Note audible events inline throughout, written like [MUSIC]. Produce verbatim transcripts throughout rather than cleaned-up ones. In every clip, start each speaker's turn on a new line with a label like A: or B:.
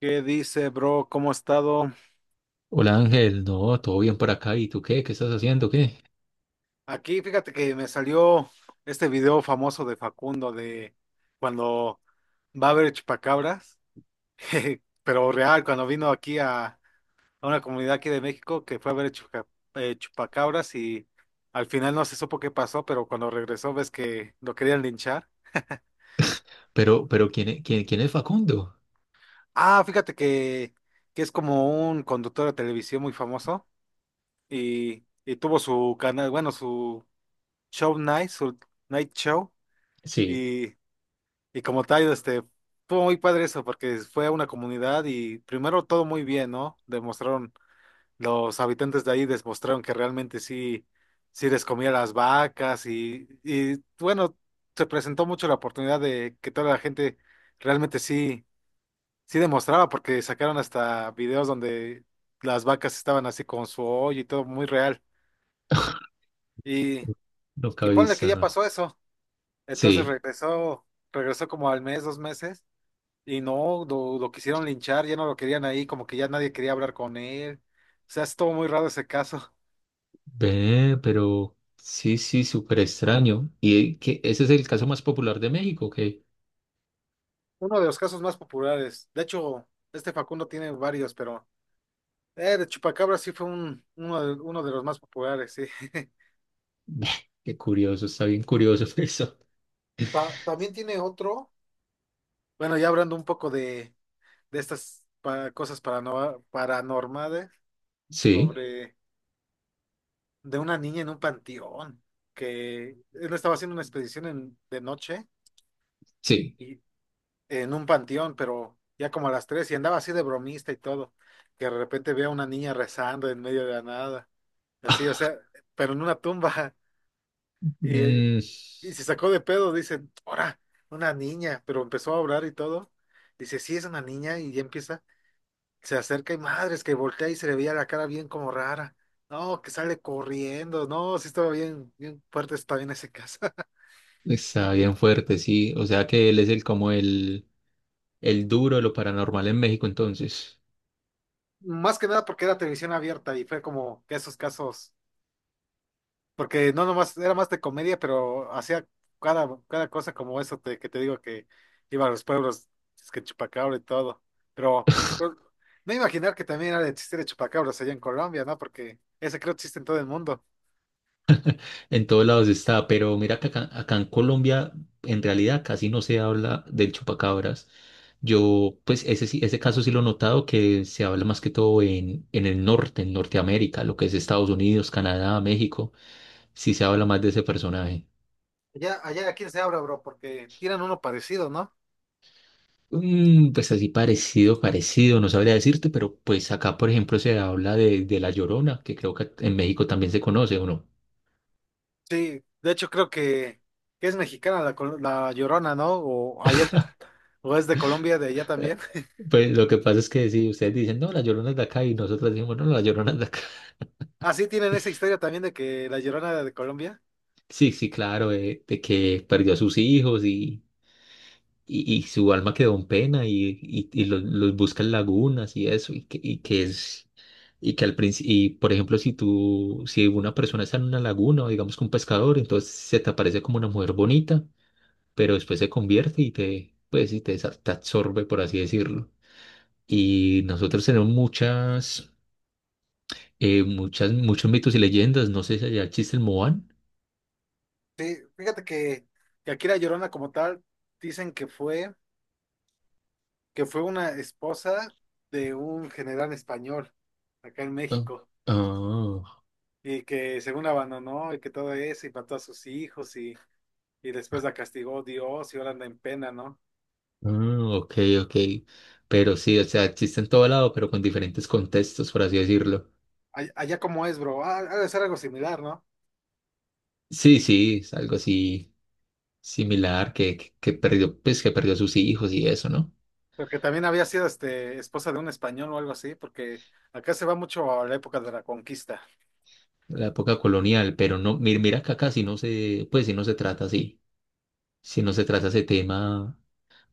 A: ¿Qué dice, bro? ¿Cómo ha estado?
B: Hola Ángel, no, todo bien por acá. ¿Y tú qué? ¿Qué estás haciendo? ¿Qué?
A: Aquí, fíjate que me salió este video famoso de Facundo de cuando va a haber chupacabras, [LAUGHS] jeje, pero real, cuando vino aquí a, a una comunidad aquí de México que fue a ver chuca- eh, chupacabras y al final no se supo qué pasó, pero cuando regresó ves que lo querían linchar.
B: Pero, pero ¿quién, e- quién, quién es Facundo?
A: Ah, fíjate que, que es como un conductor de televisión muy famoso y, y tuvo su canal, bueno, su show night, su night show.
B: Sí,
A: Y, y como tal, este, fue muy padre eso, porque fue a una comunidad y primero todo muy bien, ¿no? Demostraron, los habitantes de ahí demostraron que realmente sí, sí les comía las vacas y, y bueno, se presentó mucho la oportunidad de que toda la gente realmente sí, sí demostraba, porque sacaron hasta videos donde las vacas estaban así con su hoyo y todo muy real. Y,
B: nunca
A: y
B: he
A: ponle que
B: visto,
A: ya
B: ¿no?
A: pasó eso. Entonces
B: Sí,
A: regresó, regresó como al mes, dos meses. Y no, lo, lo quisieron linchar, ya no lo querían ahí, como que ya nadie quería hablar con él. O sea, estuvo muy raro ese caso.
B: ve, pero sí, sí, súper extraño. ¿Y que ese es el caso más popular de México? ¿Qué?
A: [LAUGHS] Uno de los casos más populares. De hecho, este Facundo tiene varios, pero eh, de Chupacabra sí fue un, uno de, uno de los más populares, sí. [LAUGHS]
B: Ve, qué curioso, está bien curioso [LAUGHS] eso.
A: Ta- también tiene otro. Bueno, ya hablando un poco de, de estas pa- cosas parano- paranormales,
B: Sí,
A: sobre de una niña en un panteón, que él estaba haciendo una expedición en- de noche.
B: sí.
A: En un panteón, pero ya como a las tres y andaba así de bromista y todo, que de repente veía a una niña rezando en medio de la nada, así, o
B: [LAUGHS]
A: sea, pero en una tumba [LAUGHS] y,
B: Mm,
A: y se sacó de pedo, dice, ahora, una niña, pero empezó a orar y todo, dice, sí, es una niña y ya empieza, se acerca y madres que voltea y se le veía la cara bien como rara. No, que sale corriendo. No, sí estaba bien, bien fuerte, está bien ese caso. [LAUGHS]
B: está bien fuerte, sí. O sea que él es el como el, el duro de lo paranormal en México entonces.
A: Más que nada porque era televisión abierta y fue como que esos casos. Porque no nomás, era más de comedia, pero hacía cada, cada cosa como eso te- que te digo que iba a los pueblos, es que chupacabra y todo. Pero pues, no imaginar que también era de chiste de chupacabras allá en Colombia, ¿no? Porque ese creo que existe en todo el mundo.
B: En todos lados está, pero mira que acá, acá en Colombia en realidad casi no se habla del chupacabras. Yo, pues ese, sí- ese caso sí lo he notado que se habla más que todo en, en, el norte, en Norteamérica, lo que es Estados Unidos, Canadá, México, sí se habla más de ese personaje.
A: Allá, allá, ¿a quién se habla, bro? Porque tiran uno parecido, ¿no?
B: Mm, pues así parecido, parecido, no sabría decirte, pero pues acá, por ejemplo, se habla de, de La Llorona, que creo que en México también se conoce, ¿o no?
A: Sí, de hecho creo que, que es mexicana la, col- la Llorona, ¿no? O allá, o es de Colombia, de allá
B: Eh,
A: también. [LAUGHS]
B: pues lo que pasa es que si ustedes dicen, no, La Llorona es de acá y nosotros decimos, no, La Llorona es de acá.
A: Así tienen esa historia también de que la Llorona era de Colombia.
B: Sí, sí, claro, eh, de, que perdió a sus hijos y, y, y su alma quedó en pena y, y, y los, los busca en lagunas y eso, y que, y que es, y que al principio, y por ejemplo, si tú, si una persona está en una laguna o digamos que un pescador, entonces se te aparece como una mujer bonita, pero después se convierte y te, pues, y te, sa- te absorbe, por así decirlo. Y nosotros tenemos muchas, eh, muchas, muchos mitos y leyendas, no sé si allá existe el Moan.
A: Sí, fíjate que, que aquí la Llorona como tal dicen que fue, que fue una esposa de un general español acá en
B: Ah,
A: México
B: ah.
A: y que según la abandonó y que todo eso y mató a sus hijos y, y después la castigó Dios y ahora anda en pena, ¿no?
B: Mm, ok, ok. Pero sí, o sea, existe en todo lado, pero con diferentes contextos, por así decirlo.
A: Ay- Allá como es, bro, ah, ha de ser algo similar, ¿no?
B: Sí, sí, es algo así similar que, que, que perdió, pues que perdió a sus hijos y eso, ¿no?
A: Porque también había sido este esposa de un español o algo así, porque acá se va mucho a la época de la conquista.
B: La época colonial, pero no, mira, mira que acá si no se, pues si no se trata así, si no se trata ese tema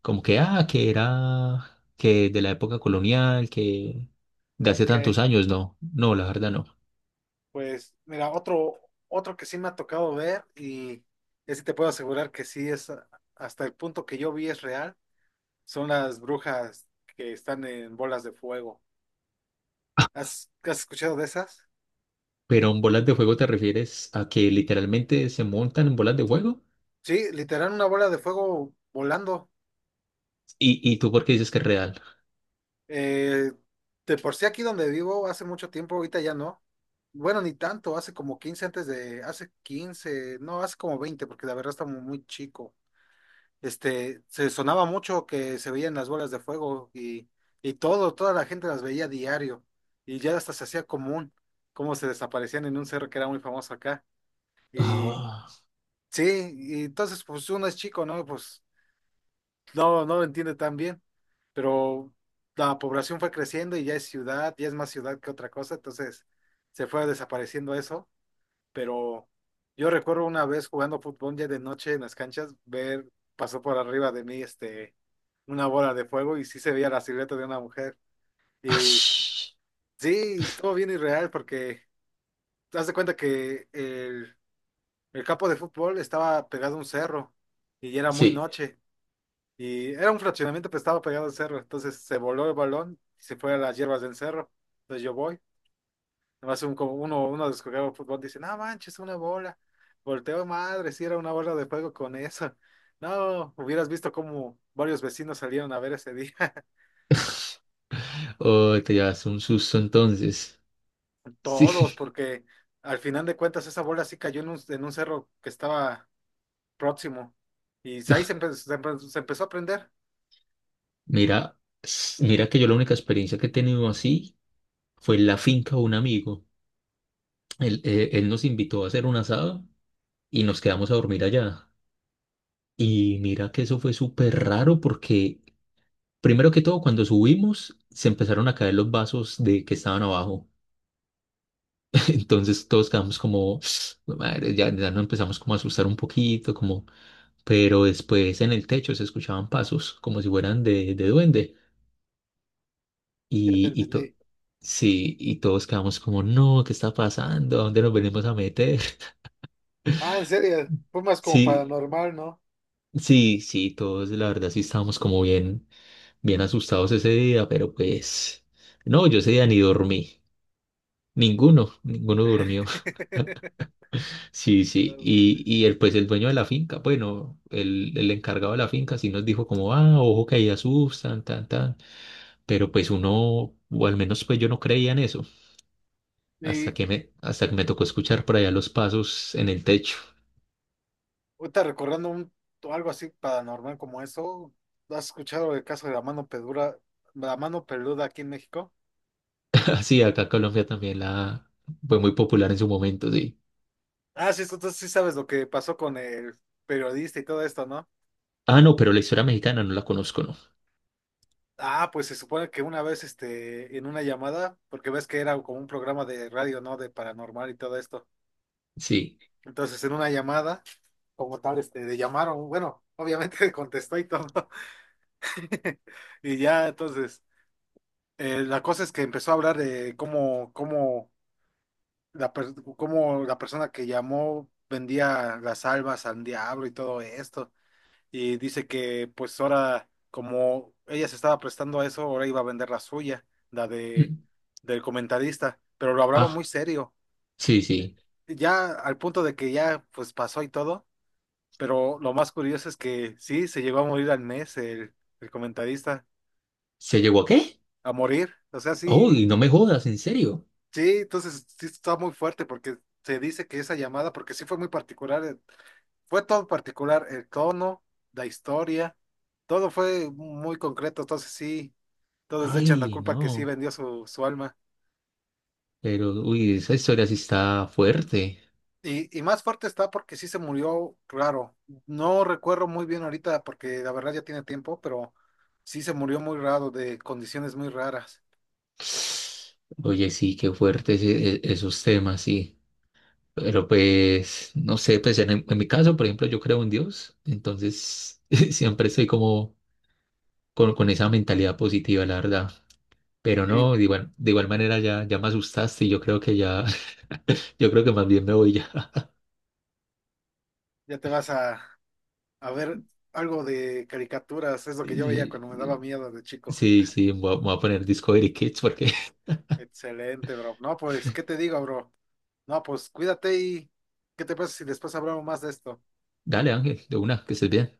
B: como que, ah, que era, que de la época colonial, que de hace tantos
A: Ok.
B: años, no, no, la verdad no.
A: Pues mira, otro, otro que sí me ha tocado ver y ese te puedo asegurar que sí es a- hasta el punto que yo vi es real, son las brujas que están en bolas de fuego. ¿Has, has escuchado de esas?
B: Pero en bolas de fuego te refieres a que literalmente se montan en bolas de fuego.
A: Sí, literal una bola de fuego volando.
B: ¿Y, y tú por qué dices que es real?
A: Eh, de por sí aquí donde vivo hace mucho tiempo, ahorita ya no. Bueno, ni tanto, hace como quince antes de, hace quince, no, hace como veinte porque la verdad está muy muy chico. Este, se sonaba mucho que se veían las bolas de fuego y, y todo, toda la gente las veía diario y ya hasta se hacía común cómo se desaparecían en un cerro que era muy famoso acá. Y
B: Ah,
A: sí, y entonces pues uno es chico, ¿no? Pues no, no lo entiende tan bien, pero la población fue creciendo y ya es ciudad, ya es más ciudad que otra cosa, entonces se fue desapareciendo eso, pero yo recuerdo una vez jugando fútbol ya de noche en las canchas, ver, pasó por arriba de mí este, una bola de fuego y sí se veía la silueta de una mujer.
B: [LAUGHS]
A: Y
B: ash.
A: sí, todo bien irreal porque te das de cuenta que el, el campo de fútbol estaba pegado a un cerro y ya era muy
B: Sí.
A: noche. Y era un fraccionamiento, pero estaba pegado al cerro. Entonces se voló el balón y se fue a las hierbas del cerro. Entonces yo voy. Nomás un, como uno, uno descubrió fútbol, dice, no manches, una bola. Volteo, madre, si era una bola de fuego con eso. No, hubieras visto cómo varios vecinos salieron a ver ese día. [LAUGHS]
B: Oh, te llevas un susto entonces. Sí.
A: Todos, porque al final de cuentas esa bola sí cayó en un, en un cerro que estaba próximo. Y ahí se,
B: [LAUGHS]
A: empe- se empe- se empezó a prender.
B: Mira, s- mira que yo la única experiencia que he tenido así fue en la finca de un amigo. Él, eh, él nos invitó a hacer un asado y nos quedamos a dormir allá. Y mira que eso fue súper raro porque, primero que todo, cuando subimos, se empezaron a caer los vasos de que estaban abajo. [LAUGHS] Entonces todos quedamos como, [SNIFFS] "Madre, ya, ya nos empezamos como a asustar un poquito, como, pero después en el techo se escuchaban pasos como si fueran de, de, duende
A: Ya te
B: y, y to-
A: entendí.
B: sí, y todos quedamos como, no, ¿qué está pasando? ¿A dónde nos venimos a meter? [LAUGHS]
A: Ah, en serio, fue más como
B: Sí,
A: paranormal, ¿no?
B: sí, sí, todos la verdad sí estábamos como bien, bien asustados ese día, pero pues, no, yo ese día ni dormí. Ninguno, ninguno durmió. [LAUGHS]
A: [LAUGHS]
B: Sí, sí. Y, y el, pues el dueño de la finca, bueno, el, el encargado de la finca sí nos dijo como, ah, ojo que ahí asustan, tan, tan. Pero pues uno, o al menos pues yo no creía en eso,
A: Y
B: hasta que me, hasta que me tocó escuchar por allá los pasos en el techo.
A: ahorita recordando un, algo así paranormal como eso, ¿has escuchado el caso de la mano peluda, la mano peluda aquí en México?
B: [LAUGHS] Así, acá en Colombia también la fue muy popular en su momento, sí.
A: Ah, sí, entonces sí sabes lo que pasó con el periodista y todo esto, ¿no?
B: Ah, no, pero la historia mexicana no la conozco, ¿no?
A: Ah, pues se supone que una vez, este, en una llamada, porque ves que era como un programa de radio, ¿no? De paranormal y todo esto.
B: Sí.
A: Entonces, en una llamada, como tal, este, le llamaron, bueno, obviamente [LAUGHS] contestó y todo. [LAUGHS] Y ya, entonces, eh, la cosa es que empezó a hablar de cómo, cómo la per- cómo la persona que llamó vendía las almas al diablo y todo esto. Y dice que pues ahora, como ella se estaba prestando a eso, ahora iba a vender la suya, la de
B: Mm.
A: del comentarista, pero lo hablaba muy
B: Ah,
A: serio.
B: sí, sí.
A: Ya al punto de que ya pues pasó y todo, pero lo más curioso es que sí, se llegó a morir al mes el, el comentarista,
B: ¿Se llegó a qué?
A: a morir. O sea, sí,
B: Uy, no me jodas, en serio.
A: sí, entonces sí está muy fuerte porque se dice que esa llamada, porque sí fue muy particular, eh, fue todo particular, el tono, la historia, todo fue muy concreto, entonces sí, todos le echan la
B: Ay,
A: culpa que sí
B: no.
A: vendió su, su alma.
B: Pero, uy, esa historia sí está fuerte.
A: Y, y más fuerte está porque sí se murió raro. No recuerdo muy bien ahorita porque la verdad ya tiene tiempo, pero sí se murió muy raro, de condiciones muy raras.
B: Oye, sí, qué fuertes e- e- esos temas, sí. Pero pues, no sé, pues en, en, mi caso, por ejemplo, yo creo en Dios, entonces [LAUGHS] siempre estoy como con, con esa mentalidad positiva, la verdad. Pero
A: Y
B: no, de igual, de igual manera ya, ya me asustaste y yo creo que ya, [LAUGHS] yo creo que más bien me voy ya.
A: ya te vas a, a ver algo de caricaturas, es
B: [LAUGHS]
A: lo que yo veía
B: Y-
A: cuando me daba miedo de chico.
B: Sí, sí, me voy a, me voy a poner Discovery Kids porque, [LAUGHS]
A: Excelente, bro. No, pues, ¿qué te digo, bro? No, pues cuídate y ¿qué te pasa si después hablamos más de esto?
B: dale Ángel, de una, que estés bien.